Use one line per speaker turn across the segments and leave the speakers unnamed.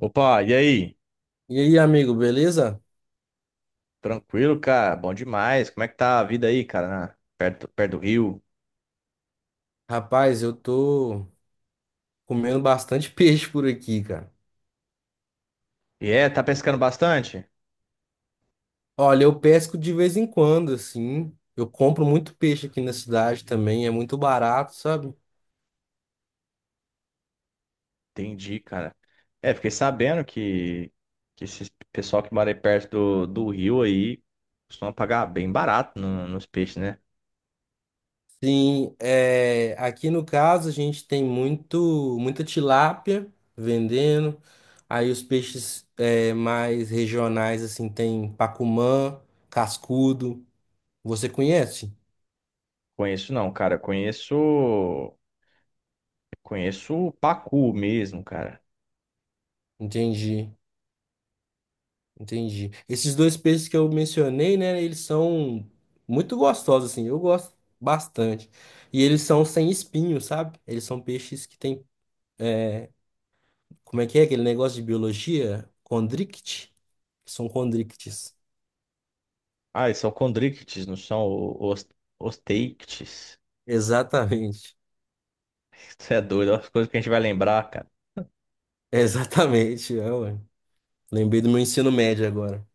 Opa, e aí?
E aí, amigo, beleza?
Tranquilo, cara? Bom demais. Como é que tá a vida aí, cara? Perto, perto do Rio.
Rapaz, eu tô comendo bastante peixe por aqui, cara.
E é, tá pescando bastante?
Olha, eu pesco de vez em quando, assim. Eu compro muito peixe aqui na cidade também, é muito barato, sabe?
Entendi, cara. É, fiquei sabendo que esse pessoal que mora aí perto do Rio aí costuma pagar bem barato nos peixes, né?
Sim, é, aqui no caso a gente tem muita tilápia vendendo. Aí os peixes é, mais regionais, assim, tem pacumã, cascudo. Você conhece?
Conheço não, cara. Conheço. Conheço o pacu mesmo, cara.
Entendi. Entendi. Esses dois peixes que eu mencionei, né, eles são muito gostosos, assim, eu gosto bastante. E eles são sem espinho, sabe? Eles são peixes que têm, como é que é aquele negócio de biologia? Condrict? São condrictes.
Ah, eles são condrictes, não são os teictes.
Exatamente.
Isso é doido, é as coisas que a gente vai lembrar, cara.
Exatamente. É, ué. Lembrei do meu ensino médio agora.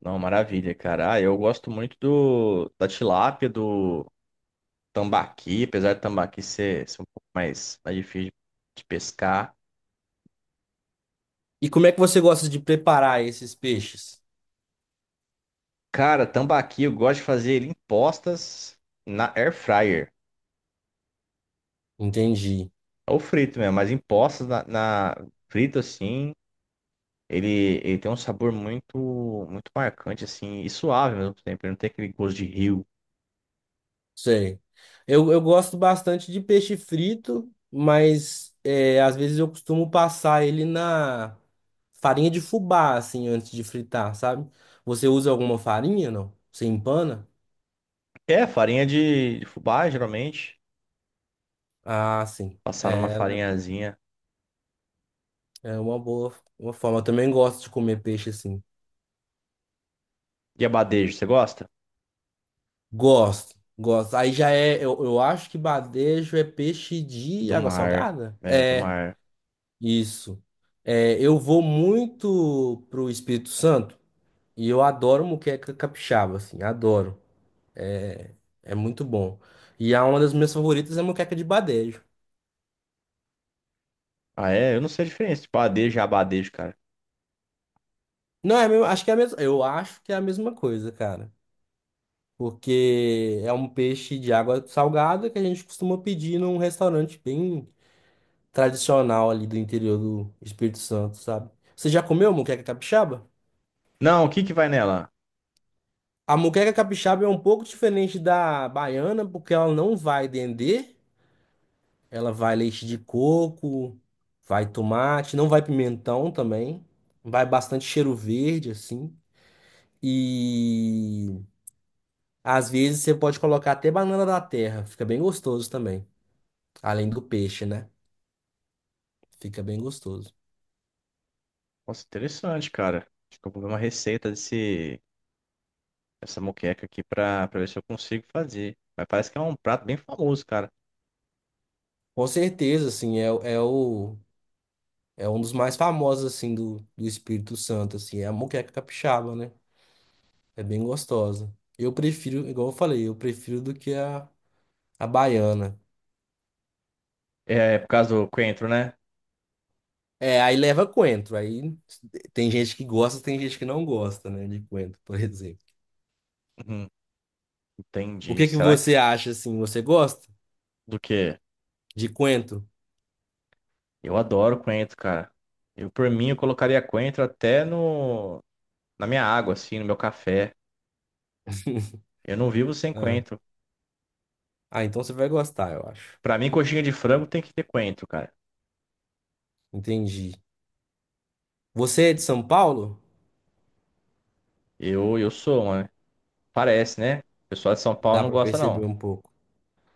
Não, maravilha, cara. Ah, eu gosto muito da tilápia, do tambaqui, apesar do tambaqui ser um pouco mais, mais difícil de pescar.
E como é que você gosta de preparar esses peixes?
Cara, tambaqui eu gosto de fazer ele em postas na air fryer.
Entendi.
Ou frito mesmo, mas em postas frito assim, ele, ele tem um sabor muito muito marcante assim e suave ao mesmo tempo, ele não tem aquele gosto de rio.
Sei. Eu gosto bastante de peixe frito, mas é, às vezes eu costumo passar ele na farinha de fubá, assim, antes de fritar, sabe? Você usa alguma farinha, não? Você empana?
É, farinha de fubá, geralmente,
Ah, sim.
passar numa
É,
farinhazinha.
é uma boa uma forma. Eu também gosto de comer peixe assim.
E abadejo, você gosta?
Gosto, gosto. Aí já é, eu acho que badejo é peixe de
Do
água
mar.
salgada?
É, do
É,
mar.
isso. É, eu vou muito pro Espírito Santo. E eu adoro moqueca capixaba, assim, adoro. É, é muito bom. E a uma das minhas favoritas é moqueca de badejo.
Ah, é? Eu não sei a diferença. Tipo, adejo e abadejo, cara.
Não, é, a mesma- acho que é a mesma, eu acho que é a mesma coisa, cara. Porque é um peixe de água salgada que a gente costuma pedir num restaurante bem tradicional ali do interior do Espírito Santo, sabe? Você já comeu moqueca capixaba?
Não, o que que vai nela?
A moqueca capixaba é um pouco diferente da baiana, porque ela não vai dendê. Ela vai leite de coco, vai tomate, não vai pimentão também. Vai bastante cheiro verde, assim. E às vezes você pode colocar até banana da terra, fica bem gostoso também. Além do peixe, né? Fica bem gostoso.
Nossa, interessante, cara. Acho que eu vou ver uma receita dessa moqueca aqui pra ver se eu consigo fazer. Mas parece que é um prato bem famoso, cara.
Com certeza, assim, é, o- é o é um dos mais famosos assim do Espírito Santo, assim, é a moqueca capixaba, né? É bem gostosa. Eu prefiro, igual eu falei, eu prefiro do que a baiana.
É, é por causa do coentro, né?
É, aí leva coentro. Aí tem gente que gosta, tem gente que não gosta, né, de coentro, por exemplo.
Uhum,
O
entendi.
que que
Será
você
que...
acha assim? Você gosta
Do quê?
de coentro?
Eu adoro coentro, cara. Eu, por mim, eu colocaria coentro até no... na minha água, assim, no meu café. Eu não vivo sem
Ah,
coentro.
ah, então você vai gostar, eu acho.
Pra mim, coxinha de frango tem que ter coentro, cara.
Entendi. Você é de São Paulo?
Eu sou, mano. Parece, né? O pessoal de São Paulo
Dá
não
pra
gosta,
perceber
não.
um pouco.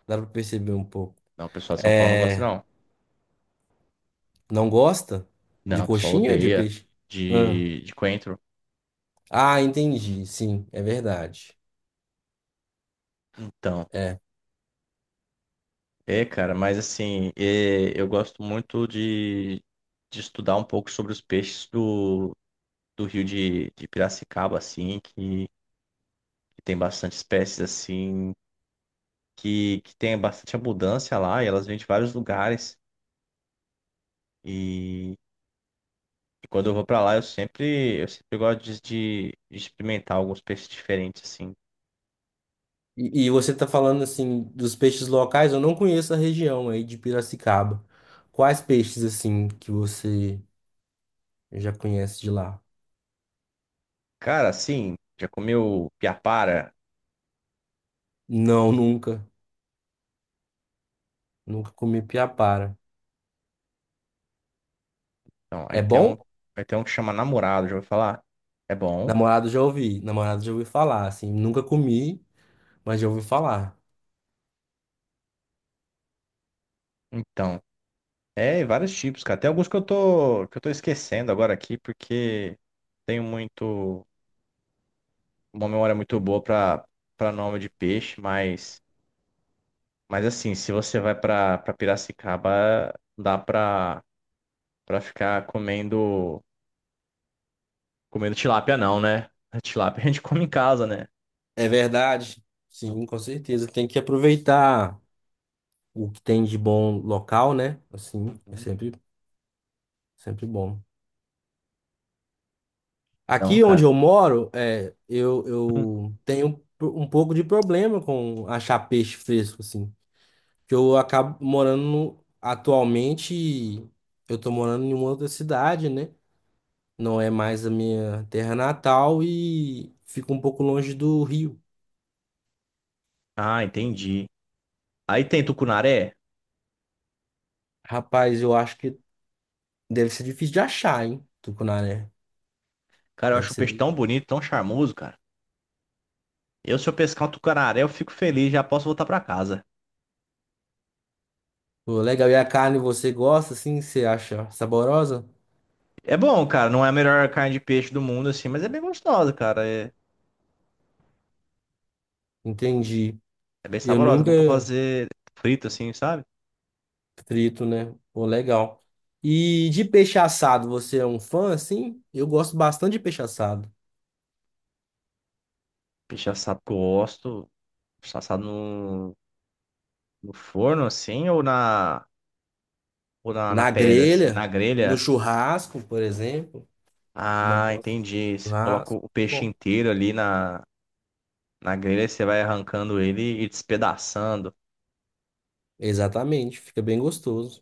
Dá pra perceber um pouco.
Não, o pessoal de São Paulo não gosta,
É,
não.
não gosta de
Não, o pessoal
coxinha ou de
odeia
peixe? Ah,
de coentro.
ah, entendi. Sim, é verdade.
Então, é, cara, mas assim, é, eu gosto muito de estudar um pouco sobre os peixes do rio de Piracicaba, assim, que tem bastante espécies, assim, que tem bastante abundância lá, e elas vêm de vários lugares. E, e quando eu vou pra lá, eu sempre gosto de, de experimentar alguns peixes diferentes, assim.
E você está falando assim dos peixes locais, eu não conheço a região aí de Piracicaba. Quais peixes assim que você já conhece de lá?
Cara, assim, já comeu piapara?
Não, nunca. Nunca comi piapara.
Então, aí
É
tem
bom?
um, aí tem um que chama namorado, já vou falar. É bom.
Namorado já ouvi falar, assim, nunca comi, mas já ouvi falar.
Então, é, vários tipos, cara. Tem alguns que que eu tô esquecendo agora aqui, porque tenho muito, uma memória muito boa pra nome de peixe, mas assim, se você vai pra Piracicaba, dá pra, pra ficar comendo tilápia não, né? A Tilápia a gente come em casa, né?
É verdade? Sim, com certeza. Tem que aproveitar o que tem de bom local, né? Assim, é
Uhum.
sempre, sempre bom.
Não,
Aqui onde
cara.
eu moro, é, eu,
Hum.
eu tenho um pouco de problema com achar peixe fresco, assim. Que eu acabo morando no- atualmente, eu tô morando em uma outra cidade, né? Não é mais a minha terra natal e fico um pouco longe do rio.
Ah, entendi. Aí tem tucunaré.
Rapaz, eu acho que deve ser difícil de achar, hein? Tucunaré.
Cara, eu
Deve
acho o
ser
peixe
bem.
tão bonito, tão charmoso, cara. Eu, se eu pescar um tucunaré, eu fico feliz, já posso voltar pra casa.
Pô, legal. E a carne você gosta, assim? Você acha saborosa?
É bom, cara. Não é a melhor carne de peixe do mundo, assim, mas é bem gostosa, cara. É,
Entendi.
é bem
Eu
saborosa. É bom pra
nunca.
fazer frito, assim, sabe?
Frito, né? Pô, legal. E de peixe assado, você é um fã, assim? Eu gosto bastante de peixe assado.
Peixe assado que eu gosto. Assado no forno, assim, ou na, na
Na
pedra, assim, na
grelha, no
grelha.
churrasco, por exemplo. Uma
Ah,
posta de
entendi. Você coloca
churrasco.
o peixe
Bom,
inteiro ali na grelha e você vai arrancando ele e despedaçando.
exatamente. Fica bem gostoso.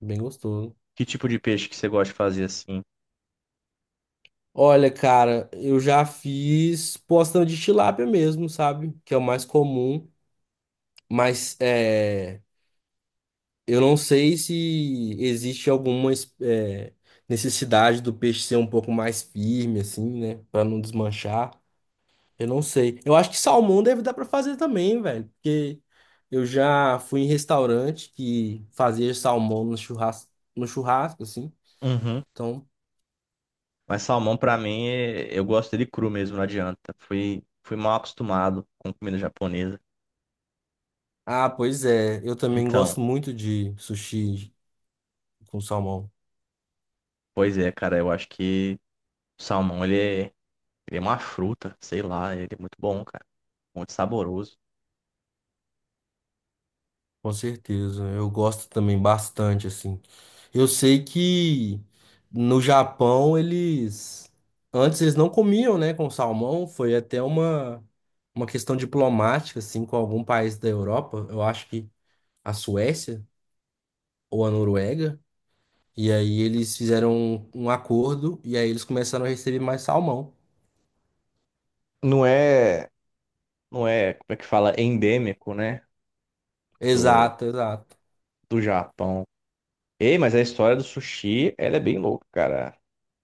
Bem gostoso.
Que tipo de peixe que você gosta de fazer assim?
Olha, cara, eu já fiz postão de tilápia mesmo, sabe? Que é o mais comum. Mas é. Eu não sei se existe alguma es- eh, necessidade do peixe ser um pouco mais firme, assim, né? Pra não desmanchar. Eu não sei. Eu acho que salmão deve dar pra fazer também, velho. Porque eu já fui em restaurante que fazia salmão no churrasco, no churrasco, assim.
Uhum.
Então.
Mas salmão, pra mim, eu gosto dele cru mesmo, não adianta. Fui mal acostumado com comida japonesa.
Ah, pois é. Eu também
Então,
gosto muito de sushi com salmão.
pois é, cara, eu acho que o salmão, ele é uma fruta, sei lá, ele é muito bom, cara. Muito saboroso.
Com certeza, eu gosto também bastante, assim. Eu sei que no Japão eles. Antes eles não comiam, né, com salmão, foi até uma questão diplomática, assim, com algum país da Europa, eu acho que a Suécia ou a Noruega. E aí eles fizeram um acordo e aí eles começaram a receber mais salmão.
Não é, não é, como é que fala, endêmico, né, do,
Exato, exato.
do Japão. Ei, mas a história do sushi, ela é bem louca, cara.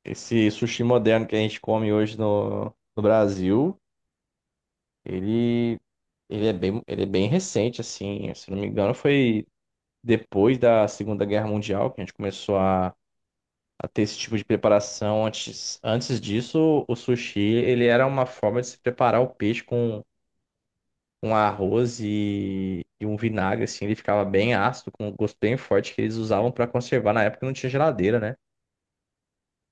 Esse sushi moderno que a gente come hoje no Brasil. Ele, ele é bem recente, assim. Se não me engano, foi depois da Segunda Guerra Mundial que a gente começou a ter esse tipo de preparação. Antes, antes disso, o sushi, ele era uma forma de se preparar o peixe com arroz e um vinagre, assim. Ele ficava bem ácido, com um gosto bem forte que eles usavam para conservar. Na época não tinha geladeira, né?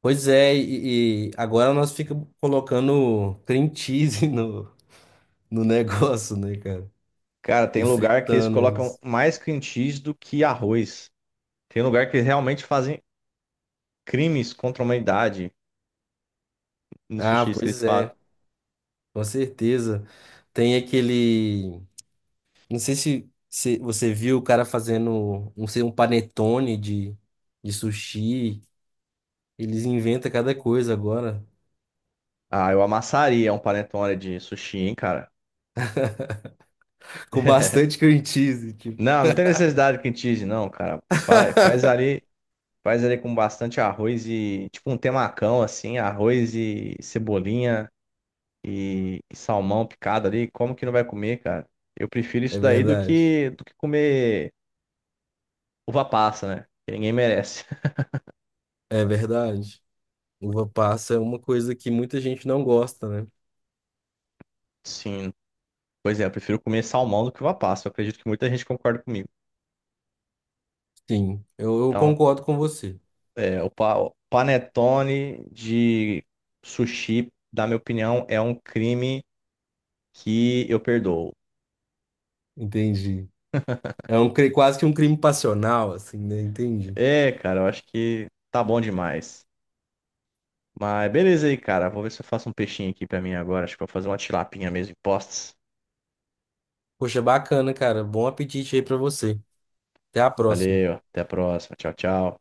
Pois é, e agora nós ficamos colocando cream cheese no, no negócio, né, cara?
Cara, tem
E
lugar que eles
fritando
colocam
eles.
mais cream cheese do que arroz. Tem lugar que eles realmente fazem crimes contra a humanidade no
Ah,
sushi que eles
pois
falam.
é, com certeza. Tem aquele. Não sei se se você viu o cara fazendo um, sei, um panetone de sushi. Eles inventam cada coisa agora.
Ah, eu amassaria um panetone de sushi, hein, cara.
Com bastante cream cheese, tipo.
Não, não tem necessidade de cream cheese, não, cara. Fala aí, faz ali com bastante arroz e tipo um temacão assim, arroz e cebolinha e salmão picado ali. Como que não vai comer, cara? Eu prefiro
É
isso daí
verdade.
do que comer uva passa, né? Que ninguém merece.
É verdade. Uva passa é uma coisa que muita gente não gosta, né?
Sim. Pois é, eu prefiro comer salmão do que uva passa. Eu acredito que muita gente concorda comigo.
Sim, eu
Então,
concordo com você.
é, o o panetone de sushi, na minha opinião, é um crime que eu perdoo.
Entendi. É um, cri- quase que um crime passional, assim, né? Entendi.
É, cara, eu acho que tá bom demais. Mas beleza aí, cara. Vou ver se eu faço um peixinho aqui pra mim agora. Acho que eu vou fazer uma tilapinha mesmo em postes.
Poxa, bacana, cara. Bom apetite aí pra você. Até a próxima.
Valeu, até a próxima. Tchau, tchau.